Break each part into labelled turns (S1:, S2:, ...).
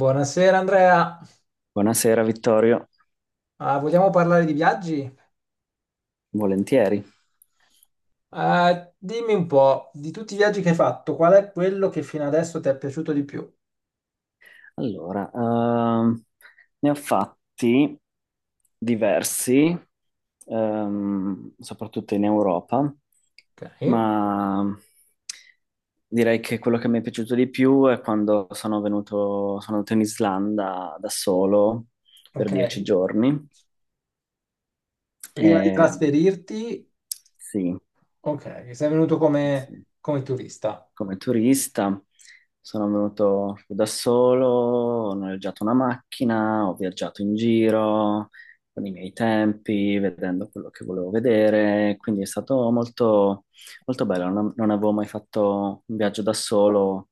S1: Buonasera Andrea.
S2: Buonasera Vittorio,
S1: Ah, vogliamo parlare di viaggi?
S2: volentieri.
S1: Dimmi un po', di tutti i viaggi che hai fatto, qual è quello che fino adesso ti è piaciuto di più?
S2: Allora, ne ho fatti diversi, soprattutto in Europa,
S1: Ok,
S2: ma direi che quello che mi è piaciuto di più è quando sono andato in Islanda da solo per
S1: ok.
S2: dieci giorni.
S1: Prima di
S2: E,
S1: trasferirti,
S2: sì,
S1: ok, sei venuto
S2: sì.
S1: come turista.
S2: Come turista, sono venuto da solo, ho noleggiato una macchina, ho viaggiato in giro con i miei tempi, vedendo quello che volevo vedere, quindi è stato molto bello. Non avevo mai fatto un viaggio da solo,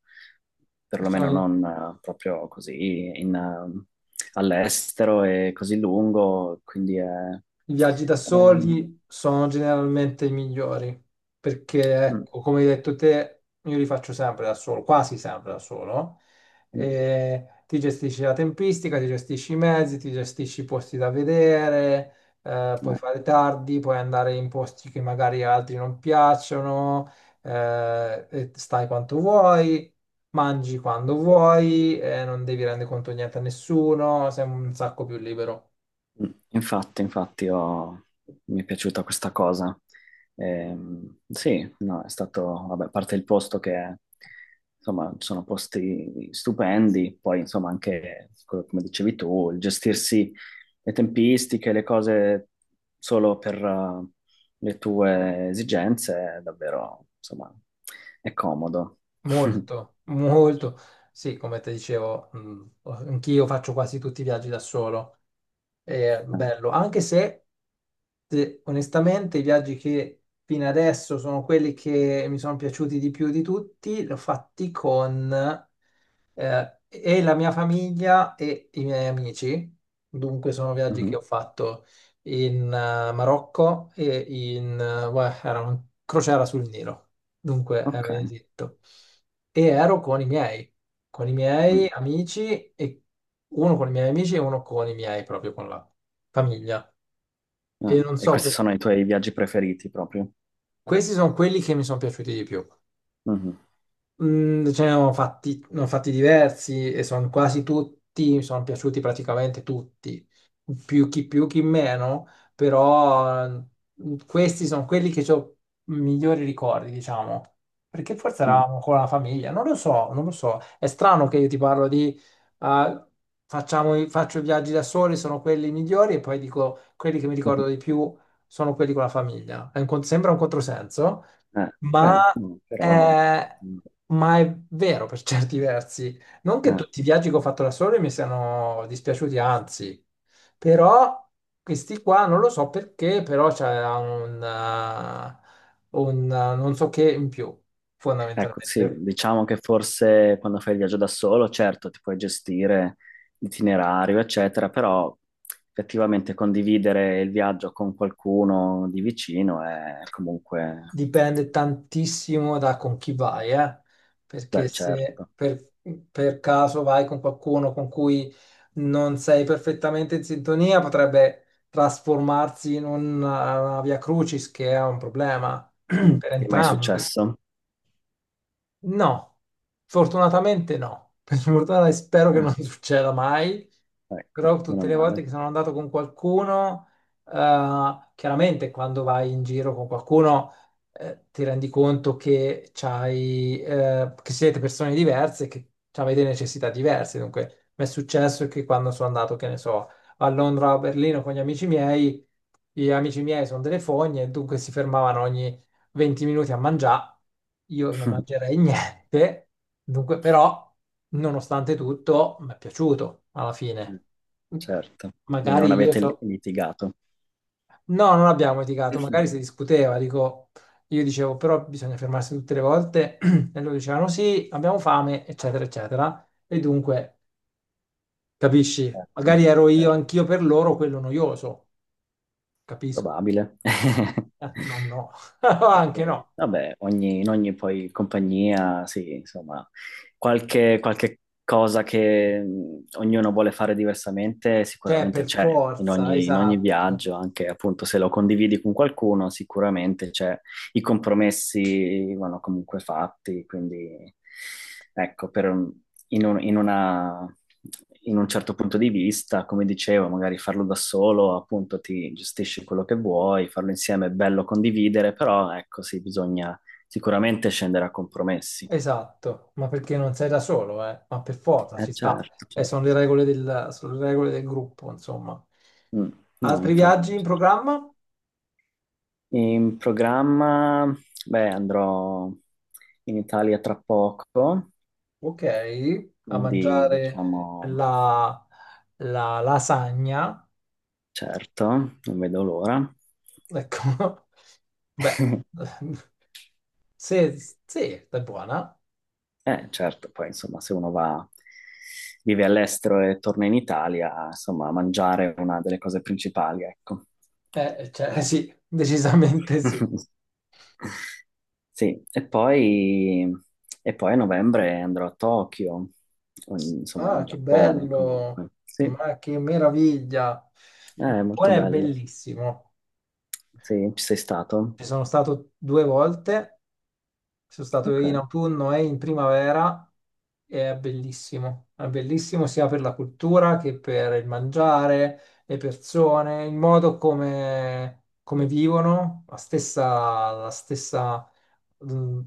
S2: perlomeno non proprio così all'estero e così lungo,
S1: I viaggi da
S2: è-
S1: soli sono generalmente i migliori, perché
S2: mm,
S1: ecco, come hai detto te, io li faccio sempre da solo, quasi sempre da solo,
S2: mm,
S1: e ti gestisci la tempistica, ti gestisci i mezzi, ti gestisci i posti da vedere, puoi
S2: eh.
S1: fare tardi, puoi andare in posti che magari a altri non piacciono, e stai quanto vuoi. Mangi quando vuoi, non devi rendere conto di niente a nessuno, sei un sacco più libero.
S2: Mm, infatti, mi è piaciuta questa cosa. Sì, no, è stato, vabbè, a parte il posto che, insomma, sono posti stupendi, poi, insomma, anche, come dicevi tu, il gestirsi le tempistiche, le cose solo per le tue esigenze, è davvero, insomma, è comodo.
S1: Molto, molto. Sì, come ti dicevo, anch'io faccio quasi tutti i viaggi da solo, è
S2: Ah,
S1: bello, anche se onestamente i viaggi che fino adesso sono quelli che mi sono piaciuti di più di tutti, li ho fatti con la mia famiglia e i miei amici. Dunque sono viaggi
S2: mhm,
S1: che ho fatto in Marocco e in beh, era una crociera sul Nilo, dunque ero
S2: ok.
S1: in Egitto e ero con i miei con i
S2: Mm.
S1: miei amici e uno con i miei amici e uno con i miei, proprio con la famiglia.
S2: Ah,
S1: E non
S2: e
S1: so,
S2: questi sono i tuoi viaggi preferiti proprio?
S1: questi sono quelli che mi sono piaciuti di più.
S2: Mhm.
S1: Ce ne ho fatti diversi e sono quasi tutti, mi sono piaciuti praticamente tutti, più chi meno, però questi sono quelli che ho migliori ricordi, diciamo, perché forse
S2: Mm.
S1: eravamo con la famiglia, non lo so, non lo so, è strano che io ti parlo di ah, facciamo, faccio i viaggi da soli, sono quelli migliori e poi dico quelli che mi
S2: Mhm.
S1: ricordo di più sono quelli con la famiglia. Sembra un controsenso.
S2: Eh,
S1: Ma
S2: beh, mm, però ci
S1: è,
S2: sta.
S1: ma è vero per certi versi. Non che
S2: Eh,
S1: tutti i viaggi che ho fatto da solo mi siano dispiaciuti, anzi, però questi qua non lo so perché, però c'è un non so che in più,
S2: ecco, sì,
S1: fondamentalmente.
S2: diciamo che forse quando fai il viaggio da solo, certo, ti puoi gestire l'itinerario, eccetera, però effettivamente condividere il viaggio con qualcuno di vicino è comunque,
S1: Dipende tantissimo da con chi vai, eh? Perché
S2: beh,
S1: se
S2: certo.
S1: per caso vai con qualcuno con cui non sei perfettamente in sintonia, potrebbe trasformarsi in una via crucis, che è un problema
S2: Mm,
S1: per
S2: ti è mai
S1: entrambi.
S2: successo?
S1: No, fortunatamente no. Per fortuna e spero che
S2: Ah,
S1: non succeda mai,
S2: ecco,
S1: però
S2: meno
S1: tutte le volte che
S2: male.
S1: sono andato con qualcuno, eh, chiaramente quando vai in giro con qualcuno, ti rendi conto che c'hai, che siete persone diverse, che avete necessità diverse. Dunque, mi è successo che quando sono andato, che ne so, a Londra o a Berlino con gli amici miei sono delle fogne, dunque si fermavano 20 minuti a mangiare, io non mangerei niente, dunque però, nonostante tutto, mi è piaciuto alla
S2: Mm,
S1: fine.
S2: certo, quindi non
S1: Magari io
S2: avete li-
S1: so.
S2: litigato.
S1: No, non abbiamo litigato, magari si discuteva, dico, io dicevo però bisogna fermarsi tutte le volte e loro dicevano sì, abbiamo fame, eccetera, eccetera. E dunque, capisci?
S2: Ecco,
S1: Magari ero io
S2: certo,
S1: anch'io per loro quello noioso, capisco.
S2: probabile.
S1: Ma no, anche
S2: Perché,
S1: no.
S2: vabbè, in ogni poi compagnia, sì, insomma, qualche cosa che ognuno vuole fare diversamente
S1: Cioè,
S2: sicuramente
S1: per
S2: c'è in
S1: forza,
S2: in ogni
S1: esatto.
S2: viaggio, anche appunto se lo condividi con qualcuno, sicuramente c'è, i compromessi vanno comunque fatti, quindi ecco, per, in un, in una- in un certo punto di vista, come dicevo, magari farlo da solo, appunto ti gestisci quello che vuoi, farlo insieme è bello condividere, però ecco sì, bisogna sicuramente scendere a compromessi.
S1: Esatto, ma perché non sei da solo, eh? Ma per forza
S2: Eh
S1: ci sta.
S2: certo,
S1: E sono le
S2: certo.
S1: regole del, sono le regole del gruppo, insomma.
S2: Mm, no,
S1: Altri viaggi
S2: infatti,
S1: in
S2: certo.
S1: programma?
S2: In programma, beh, andrò in Italia tra poco,
S1: Ok, a
S2: quindi
S1: mangiare
S2: diciamo,
S1: la, la lasagna.
S2: certo, non vedo l'ora.
S1: Ecco, beh, se, se è buona.
S2: Certo, poi insomma, se uno va, vive all'estero e torna in Italia, insomma, mangiare è una delle cose principali, ecco.
S1: Cioè, sì, decisamente sì.
S2: Sì, e poi a novembre andrò a Tokyo, o insomma,
S1: Ah,
S2: in
S1: che
S2: Giappone
S1: bello,
S2: comunque. Sì,
S1: ma che meraviglia. Il
S2: è molto
S1: Giappone è
S2: bello.
S1: bellissimo.
S2: Sì, ci sei stato?
S1: Ci sono stato due volte, sono stato
S2: Ok.
S1: in autunno e in primavera e è bellissimo sia per la cultura che per il mangiare, le persone, il modo come vivono, la stessa mh,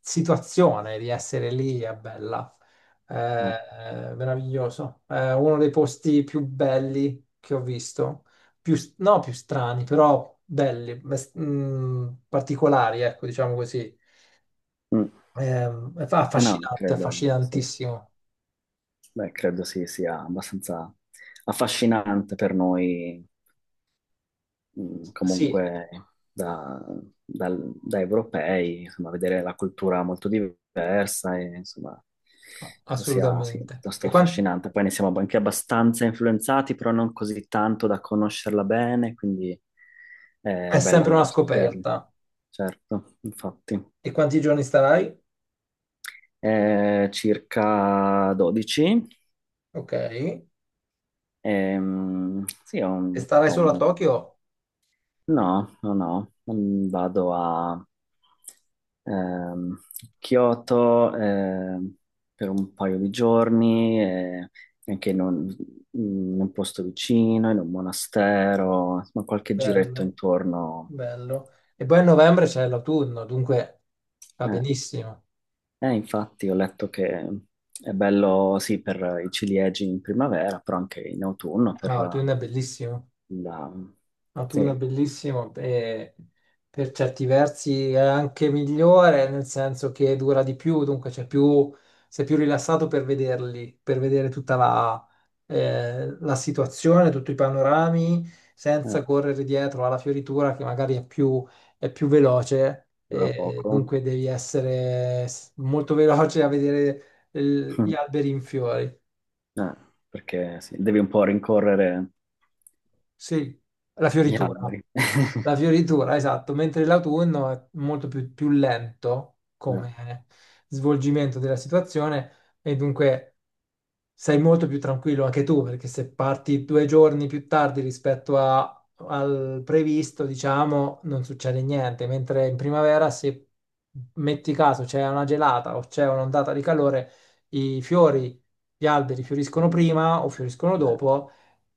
S1: situazione di essere lì è bella, è,
S2: Eh,
S1: è meraviglioso, è uno dei posti più belli che ho visto più, no, più strani, però belli, particolari, ecco, diciamo così.
S2: mm.
S1: È
S2: Eh no,
S1: affascinante,
S2: credo, sì.
S1: affascinantissimo.
S2: Beh, credo sì, sia abbastanza affascinante per noi
S1: Sì,
S2: comunque da, da europei, insomma, vedere la cultura molto diversa e insomma penso sia sì,
S1: assolutamente.
S2: piuttosto affascinante. Poi ne siamo anche abbastanza influenzati, però non così tanto da conoscerla bene, quindi è
S1: È
S2: bello
S1: sempre una
S2: andare a scoprirlo.
S1: scoperta.
S2: Certo, infatti.
S1: E quanti giorni starai?
S2: Circa 12.
S1: Ok. E
S2: Sì, ho un,
S1: starai
S2: po'
S1: solo a
S2: un
S1: Tokyo?
S2: no, no, no, mm, vado a ehm, Kyoto per un paio di giorni, e anche in in un posto vicino, in un monastero, insomma qualche giretto
S1: Bello,
S2: intorno.
S1: bello. E poi a novembre c'è l'autunno, dunque va
S2: Eh,
S1: benissimo.
S2: infatti ho letto che è bello sì per i ciliegi in primavera, però anche in autunno
S1: Ah,
S2: per
S1: l'autunno è bellissimo.
S2: la...
S1: Ma
S2: Sì,
S1: tu È bellissimo e per certi versi è anche migliore, nel senso che dura di più, dunque c'è più, sei più rilassato per vederli, per vedere tutta la situazione, tutti i panorami, senza correre dietro alla fioritura che magari è più, veloce,
S2: dura
S1: e
S2: poco.
S1: dunque devi essere molto veloce a vedere gli alberi in fiori.
S2: Eh, perché sì, devi un po' rincorrere
S1: Sì, la
S2: gli
S1: fioritura.
S2: alberi.
S1: La fioritura, esatto, mentre l'autunno è molto più lento
S2: Eh,
S1: come svolgimento della situazione e dunque sei molto più tranquillo anche tu, perché se parti 2 giorni più tardi rispetto al previsto, diciamo, non succede niente, mentre in primavera, se metti caso c'è una gelata o c'è un'ondata di calore, i fiori, gli alberi fioriscono
S2: non-
S1: prima o fioriscono
S2: eh,
S1: dopo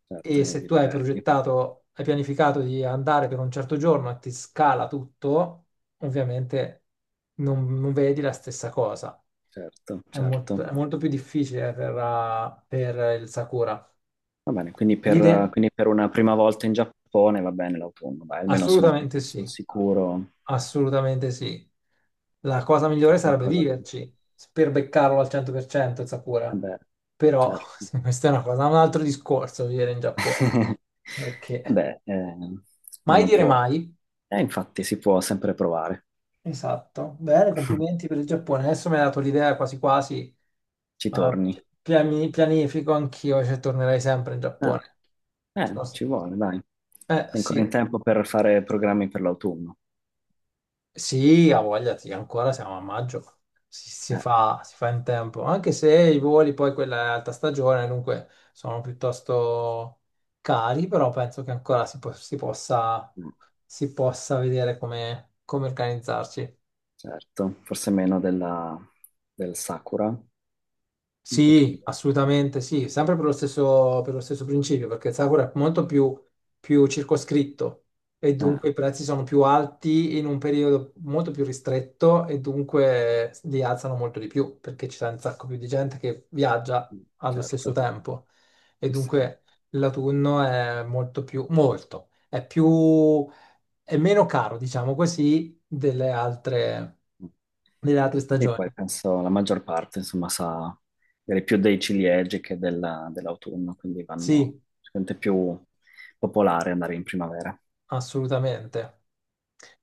S2: certo,
S1: e se
S2: li
S1: tu hai
S2: perdi.
S1: progettato, hai pianificato di andare per un certo giorno e ti scala tutto, ovviamente non vedi la stessa cosa.
S2: Certo,
S1: È molto,
S2: certo.
S1: è molto più difficile per il Sakura.
S2: Va bene,
S1: L'idea?
S2: quindi per una prima volta in Giappone va bene l'autunno, dai, almeno sono un po'
S1: Assolutamente
S2: più
S1: sì,
S2: sul sicuro
S1: assolutamente sì. La cosa migliore
S2: che
S1: sarebbe
S2: qualcosa di... Eh
S1: viverci per beccarlo al 100% il Sakura.
S2: beh,
S1: Però
S2: certo.
S1: questa è una cosa, un altro discorso vivere in Giappone.
S2: Eh
S1: Perché
S2: beh, eh,
S1: Mai
S2: uno
S1: dire
S2: può...
S1: mai.
S2: Infatti si può sempre provare.
S1: Esatto. Bene, complimenti per il Giappone. Adesso mi hai dato l'idea quasi quasi.
S2: Ci
S1: eh,
S2: torni.
S1: pianifico anch'io, cioè tornerei sempre in
S2: Ah.
S1: Giappone.
S2: Ci
S1: Sono-
S2: vuole, dai.
S1: Eh
S2: È ancora in
S1: sì.
S2: tempo per fare programmi per l'autunno.
S1: Sì, ha voglia, sì, ancora siamo a maggio, si, si
S2: Eh,
S1: fa, si fa in tempo, anche se i voli poi quella è alta stagione, dunque sono piuttosto cari, però penso che ancora si,
S2: mm,
S1: si possa vedere come organizzarci.
S2: certo, forse meno del Sakura, un
S1: Sì,
S2: pochino.
S1: assolutamente sì, sempre per lo stesso principio, perché il Sakura è molto più circoscritto e
S2: Eh,
S1: dunque i prezzi sono più alti in un periodo molto più ristretto e dunque li alzano molto di più perché ci sarà un sacco più di gente che viaggia
S2: mm,
S1: allo
S2: certo,
S1: stesso tempo e
S2: sì, sì.
S1: dunque l'autunno è molto più, molto, è più, è meno caro, diciamo così, delle altre,
S2: Mm.
S1: delle altre
S2: E poi
S1: stagioni.
S2: penso la maggior parte, insomma, sa dire più dei ciliegi che dell'autunno, quindi vanno
S1: Sì.
S2: sicuramente più popolare andare in primavera.
S1: Assolutamente.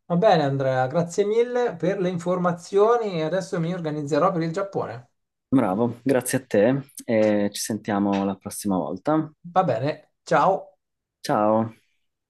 S1: Va bene, Andrea, grazie mille per le informazioni e adesso mi organizzerò per il Giappone.
S2: Bravo, grazie a te e ci sentiamo la prossima volta.
S1: Va bene, ciao.
S2: Ciao.